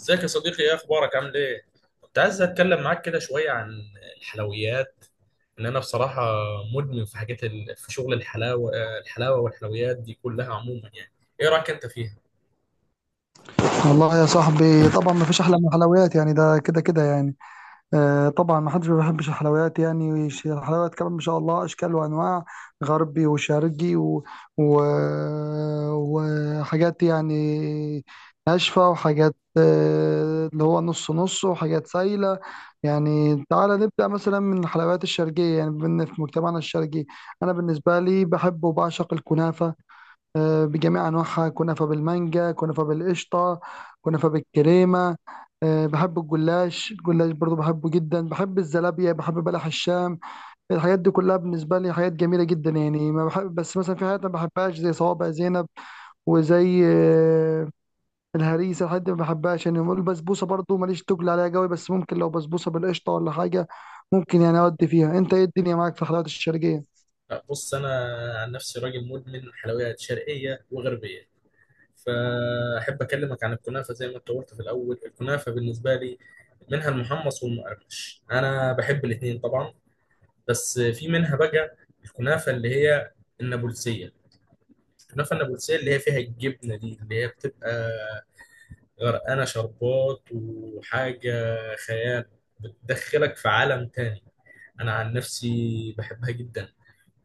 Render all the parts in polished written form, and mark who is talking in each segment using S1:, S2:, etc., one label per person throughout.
S1: ازيك يا صديقي؟ ايه اخبارك، عامل ايه؟ كنت عايز اتكلم معاك كده شويه عن الحلويات. ان انا بصراحه مدمن في شغل الحلاوه والحلويات دي كلها عموما، يعني ايه رايك انت فيها؟
S2: والله يا صاحبي، طبعا ما فيش احلى من الحلويات، يعني ده كده كده يعني. آه طبعا، ما حدش ما بيحبش الحلويات، يعني الحلويات كمان ما شاء الله اشكال وانواع، غربي وشرقي و... وحاجات يعني، ناشفه وحاجات، اللي هو نص نص، وحاجات سايله. يعني تعالى نبدا مثلا من الحلويات الشرقيه، يعني بما إن في مجتمعنا الشرقي، انا بالنسبه لي بحب وبعشق الكنافه. بجميع أنواعها، كنافة بالمانجا، كنافة بالقشطة، كنافة بالكريمة. بحب الجلاش، الجلاش برضو بحبه جدا، بحب الزلابية، بحب بلح الشام. الحاجات دي كلها بالنسبة لي حاجات جميلة جدا يعني. ما بحب بس مثلا في حاجات ما بحبهاش، زي صوابع زينب، وزي الهريسة. الحاجات دي ما بحبهاش يعني. البسبوسة برضو ماليش تقل عليها قوي، بس ممكن لو بسبوسة بالقشطة ولا حاجة ممكن يعني أودي فيها. أنت إيه الدنيا معاك في الحلويات الشرقية؟
S1: لا، بص انا عن نفسي راجل مدمن حلويات شرقيه وغربيه. فاحب اكلمك عن الكنافه. زي ما انت قلت في الاول، الكنافه بالنسبه لي منها المحمص والمقرمش. انا بحب الاثنين طبعا. بس في منها بقى الكنافه اللي هي النابلسيه. كنافه النابلسيه اللي هي فيها الجبنه دي، اللي هي بتبقى غرقانه شربات وحاجه، خيال، بتدخلك في عالم تاني. انا عن نفسي بحبها جدا.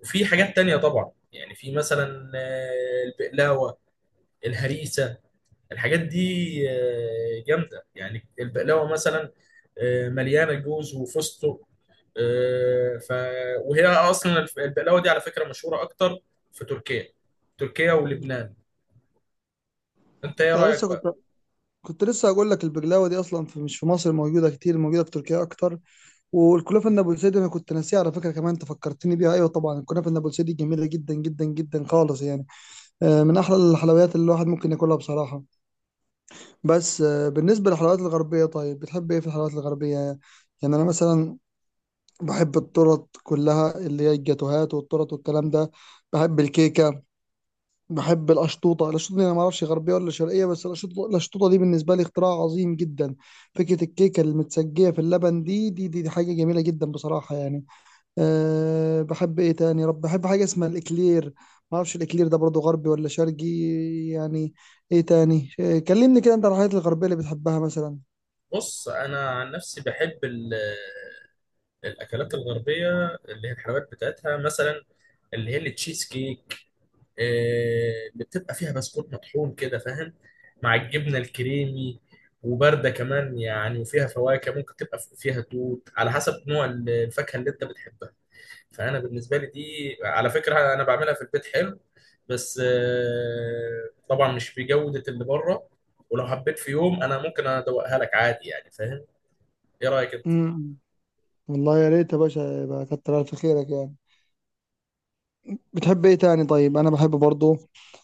S1: وفي حاجات تانية طبعا يعني، في مثلا البقلاوه، الهريسه، الحاجات دي جامده يعني. البقلاوه مثلا مليانه جوز وفستق. آه، ف وهي اصلا البقلاوه دي على فكره مشهوره اكتر في تركيا ولبنان. انت ايه
S2: انا
S1: رايك
S2: لسه
S1: بقى؟
S2: كنت لسه هقول لك، البقلاوه دي اصلا في مش في مصر موجوده كتير، موجوده في تركيا اكتر. والكنافه النابلسيدي انا كنت ناسيها على فكره، كمان انت فكرتني بيها، ايوه طبعا الكنافه النابلسيدي جميله جدا جدا جدا خالص يعني. من احلى الحلويات اللي الواحد ممكن ياكلها بصراحه. بس بالنسبه للحلويات الغربيه، طيب بتحب ايه في الحلويات الغربيه يعني؟ انا مثلا بحب التورت كلها، اللي هي الجاتوهات والتورت والكلام ده. بحب الكيكه. بحب الأشطوطة، الأشطوطة دي أنا ما أعرفش غربية ولا شرقية، بس الأشطوطة، الأشطوطة دي بالنسبة لي اختراع عظيم جدا. فكرة الكيكة المتسجية في اللبن، دي حاجة جميلة جدا بصراحة يعني. بحب إيه تاني؟ يا رب بحب حاجة اسمها الإكلير، ما أعرفش الإكلير ده برضو غربي ولا شرقي يعني. إيه تاني؟ كلمني كده أنت عن الحاجات الغربية اللي بتحبها مثلا.
S1: بص انا عن نفسي بحب الاكلات الغربيه اللي هي الحلويات بتاعتها. مثلا اللي هي التشيز كيك، اللي بتبقى فيها بسكوت مطحون كده فاهم، مع الجبنه الكريمي، وبارده كمان يعني، وفيها فواكه. ممكن تبقى فيها توت على حسب نوع الفاكهه اللي انت بتحبها. فانا بالنسبه لي دي على فكره انا بعملها في البيت حلو، بس طبعا مش بجوده اللي بره. ولو حبيت في يوم انا ممكن ادوقها لك عادي يعني فاهم. ايه رايك انت؟
S2: امم والله يا ريت يا باشا، يبقى كتر ألف خيرك يعني. بتحب ايه تاني؟ طيب انا بحب برضو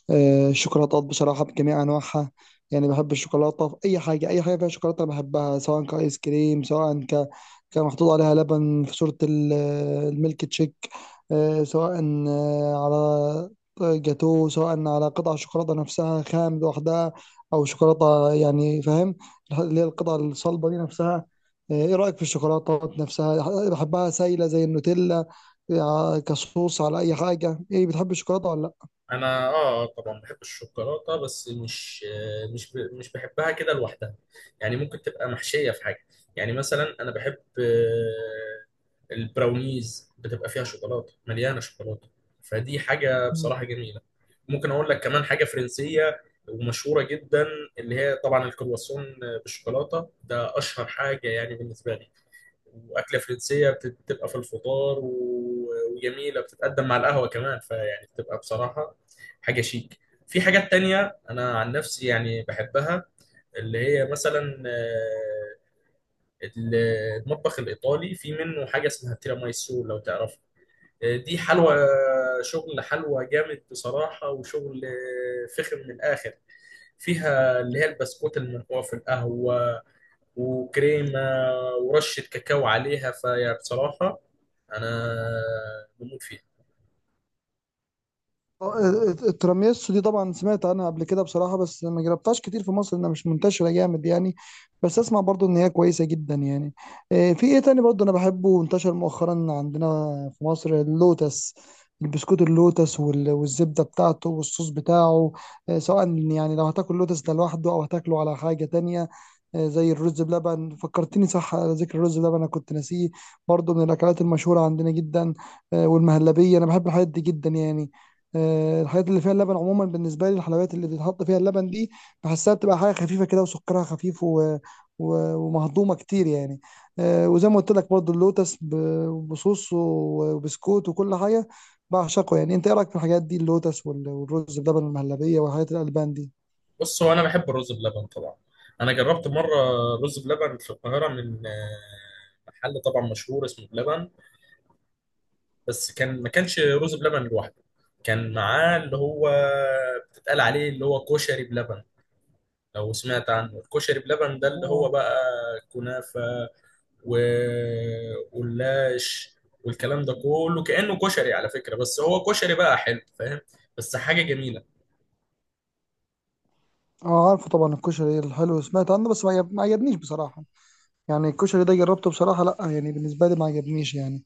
S2: الشوكولاتات بصراحة بجميع انواعها. يعني بحب الشوكولاتة في اي حاجة، اي حاجة فيها شوكولاتة أنا بحبها، سواء كايس كريم، سواء كان محطوط عليها لبن في صورة الميلك تشيك. سواء آه، على جاتو، سواء على قطع شوكولاتة نفسها خام لوحدها، او شوكولاتة يعني فاهم، اللي هي القطع الصلبة دي نفسها. ايه رأيك في الشوكولاتة نفسها؟ بحبها سايلة زي النوتيلا، يا كصوص على اي حاجه. ايه بتحب الشوكولاته ولا لا؟
S1: انا طبعا بحب الشوكولاته. بس مش مش بحبها كده لوحدها يعني. ممكن تبقى محشيه في حاجه. يعني مثلا انا بحب البراونيز. بتبقى فيها شوكولاته، مليانه شوكولاته، فدي حاجه
S2: مم.
S1: بصراحه جميله. ممكن اقول لك كمان حاجه فرنسيه ومشهوره جدا، اللي هي طبعا الكرواسون بالشوكولاته. ده اشهر حاجه يعني بالنسبه لي. واكله فرنسيه بتبقى في الفطار وجميله، بتتقدم مع القهوه كمان. فيعني بتبقى بصراحه حاجه شيك. في حاجات تانية انا عن نفسي يعني بحبها، اللي هي مثلا ال- المطبخ الايطالي. في منه حاجه اسمها تيراميسو، لو تعرفها. دي
S2: ع-
S1: حلوى، شغل حلوى جامد بصراحه، وشغل فخم من الاخر. فيها اللي هي البسكوت المنقوع في القهوة، وكريمة، ورشة كاكاو عليها. فيا بصراحة أنا بموت فيها.
S2: آه، التراميسو دي طبعا سمعت عنها قبل كده بصراحة، بس ما جربتهاش كتير في مصر، انها مش منتشرة جامد يعني. بس اسمع برضو ان هي كويسة جدا يعني. في ايه تاني برضو انا بحبه وانتشر مؤخرا عندنا في مصر؟ اللوتس، البسكوت اللوتس والزبدة بتاعته والصوص بتاعه. سواء يعني لو هتاكل لوتس ده لوحده او هتاكله على حاجة تانية. زي الرز بلبن، فكرتني صح، على ذكر الرز بلبن انا كنت ناسيه، برضو من الاكلات المشهورة عندنا جدا. والمهلبية، انا بحب الحاجات دي جدا يعني. الحاجات اللي فيها اللبن عموما بالنسبه لي، الحلويات اللي بيتحط فيها اللبن دي بحسها بتبقى حاجه خفيفه كده، وسكرها خفيف ومهضومه كتير يعني. وزي ما قلت لك برضو اللوتس بصوص وبسكوت وكل حاجه بعشقه يعني. انت ايه رايك في الحاجات دي، اللوتس والرز بلبن، المهلبيه والحاجات الالبان دي؟
S1: بص، هو أنا بحب الرز بلبن طبعا. أنا جربت مرة رز بلبن في القاهرة من محل طبعا مشهور اسمه بلبن. بس كان، ما كانش رز بلبن لوحده، كان معاه اللي هو بتتقال عليه اللي هو كشري بلبن، لو سمعت عنه. الكشري بلبن ده اللي هو
S2: آه.
S1: بقى كنافة واللاش والكلام ده كله، كأنه كشري على فكرة، بس هو كشري بقى حلو فاهم، بس حاجة جميلة.
S2: اه عارفه طبعا، الكشري الحلو سمعت عنه، بس ما عجبنيش بصراحه يعني. الكشري ده جربته بصراحه، لا يعني بالنسبه لي ما عجبنيش يعني.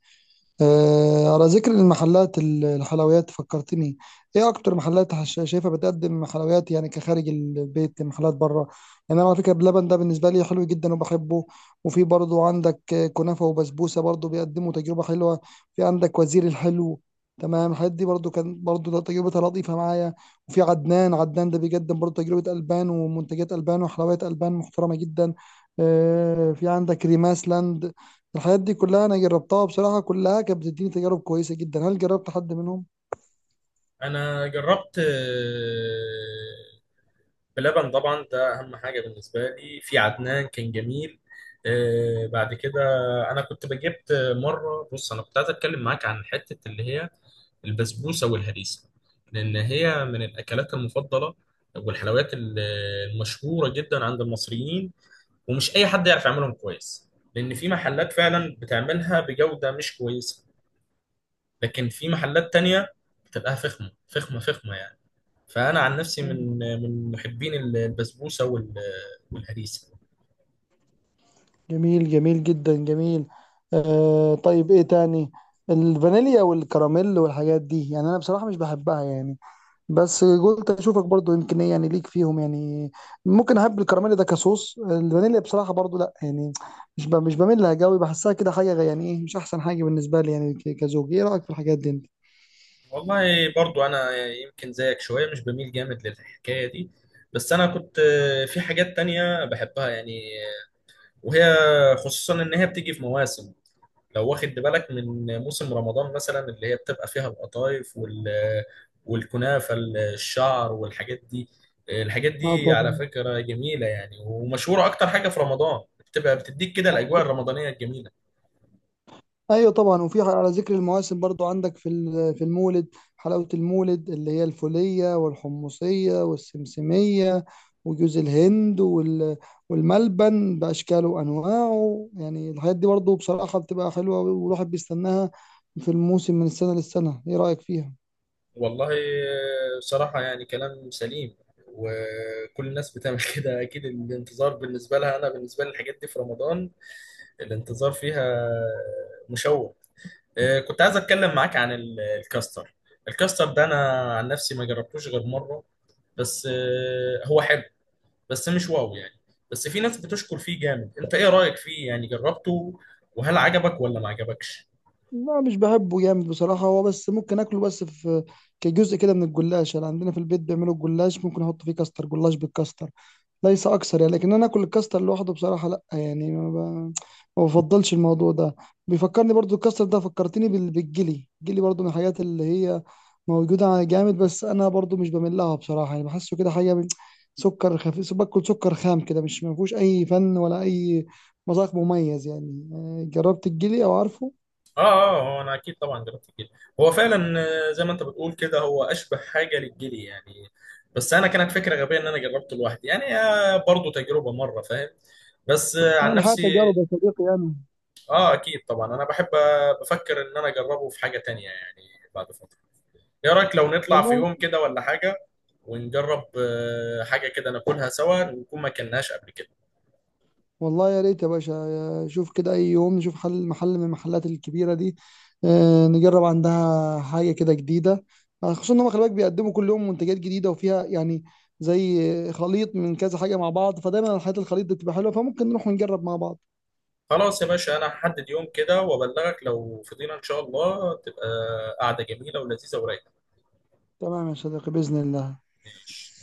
S2: آه على ذكر المحلات، الحلويات فكرتني، ايه اكتر محلات شايفها بتقدم حلويات يعني كخارج البيت، محلات بره يعني؟ انا على فكره بلبن ده بالنسبه لي حلو جدا وبحبه. وفي برضو عندك كنافه وبسبوسه، برضو بيقدموا تجربه حلوه. في عندك وزير الحلو، تمام، الحاجات دي برضو كان برضو ده تجربتها لطيفه معايا. وفي عدنان، عدنان ده بيقدم برضو تجربه البان ومنتجات البان وحلويات البان محترمه جدا. في عندك ريماس لاند. الحاجات دي كلها انا جربتها بصراحة، كلها كانت بتديني تجارب كويسة جدا. هل جربت حد منهم؟
S1: أنا جربت بلبن طبعا، ده أهم حاجة بالنسبة لي. في عدنان كان جميل. بعد كده أنا كنت بجبت مرة. بص، أنا كنت عايز أتكلم معاك عن حتة اللي هي البسبوسة والهريسة، لأن هي من الأكلات المفضلة والحلويات المشهورة جدا عند المصريين. ومش اي حد يعرف يعملهم كويس، لان في محلات فعلا بتعملها بجودة مش كويسة. لكن في محلات تانية بتبقى فخمة فخمة فخمة يعني. فانا عن نفسي
S2: مم.
S1: من محبين البسبوسة والهريسة.
S2: جميل، جميل جدا جميل. آه طيب ايه تاني؟ الفانيليا والكراميل والحاجات دي يعني انا بصراحة مش بحبها يعني، بس قلت اشوفك برضو يمكن ايه يعني ليك فيهم يعني. ممكن احب الكراميل ده كصوص، الفانيليا بصراحة برضو لا يعني، مش بميل لها قوي، بحسها كده حاجة يعني ايه، مش احسن حاجة بالنسبة لي يعني كزوج. ايه رأيك في الحاجات دي انت؟
S1: والله برضو انا يمكن زيك شوية مش بميل جامد للحكاية دي. بس انا كنت في حاجات تانية بحبها يعني، وهي خصوصا ان هي بتيجي في مواسم. لو واخد بالك، من موسم رمضان مثلا اللي هي بتبقى فيها القطايف والكنافة الشعر والحاجات دي. الحاجات
S2: اه
S1: دي على
S2: طبعا،
S1: فكرة جميلة يعني، ومشهورة أكتر حاجة في رمضان، بتبقى بتديك كده الأجواء الرمضانية الجميلة.
S2: ايوه طبعا. وفي على ذكر المواسم برضو عندك في في المولد، حلاوه المولد اللي هي الفوليه والحمصيه والسمسميه وجوز الهند والملبن باشكاله وانواعه يعني. الحاجات دي برضو بصراحه بتبقى حلوه والواحد بيستناها في الموسم من السنه للسنه. ايه رايك فيها؟
S1: والله بصراحة يعني كلام سليم، وكل الناس بتعمل كده أكيد. الانتظار بالنسبة لها، أنا بالنسبة لي الحاجات دي في رمضان الانتظار فيها مشوق. كنت عايز اتكلم معاك عن الكاستر. الكاستر ده انا عن نفسي ما جربتوش غير مره. بس هو حلو، بس مش واو يعني. بس في ناس بتشكر فيه جامد. انت ايه رايك فيه؟ يعني جربته، وهل عجبك ولا ما عجبكش؟
S2: لا مش بحبه جامد بصراحه، هو بس ممكن اكله بس في كجزء كده من الجلاش يعني، عندنا في البيت بيعملوا الجلاش ممكن احط فيه كاستر، جلاش بالكاستر، ليس اكثر يعني. لكن انا اكل الكاستر لوحده بصراحه لا يعني، ما بفضلش الموضوع ده. بيفكرني برضو الكاستر ده، فكرتني بالجلي، الجلي برضو من الحاجات اللي هي موجوده على جامد، بس انا برضو مش بميل لها بصراحه يعني. بحسه كده حاجه من سكر خفيف، باكل سكر خام كده، مش ما فيهوش اي فن ولا اي مذاق مميز يعني. آه، جربت الجلي او عارفه؟
S1: اه. اه، هو انا اكيد طبعا جربت الجلي. هو فعلا، زي ما انت بتقول كده، هو اشبه حاجه للجلي يعني. بس انا كانت فكره غبيه ان انا جربته لوحدي يعني. برضه تجربه مره فاهم. بس
S2: يعني
S1: عن
S2: الحياه
S1: نفسي،
S2: تجارب يا صديقي يعني.
S1: اه اكيد طبعا انا بحب. بفكر ان انا اجربه في حاجة تانية يعني بعد فترة. ايه رايك لو نطلع في
S2: والله
S1: يوم كده ولا حاجة، ونجرب حاجة كده ناكلها سوا، ونكون ما اكلناش قبل كده؟
S2: والله يا ريت يا باشا شوف كده، أي يوم نشوف حل، محل من المحلات الكبيرة دي، نجرب عندها حاجة كده جديدة. خصوصا إن هم خلي بالك بيقدموا كل يوم منتجات جديدة وفيها يعني زي خليط من كذا حاجة مع بعض، فدايما الحاجات الخليط دي بتبقى حلوة، فممكن نروح ونجرب مع بعض.
S1: خلاص يا باشا، انا هحدد يوم كده وابلغك. لو فضينا ان شاء الله تبقى قعدة جميلة ولذيذة ورايقة.
S2: تمام يا صديقي، بإذن الله.
S1: ماشي.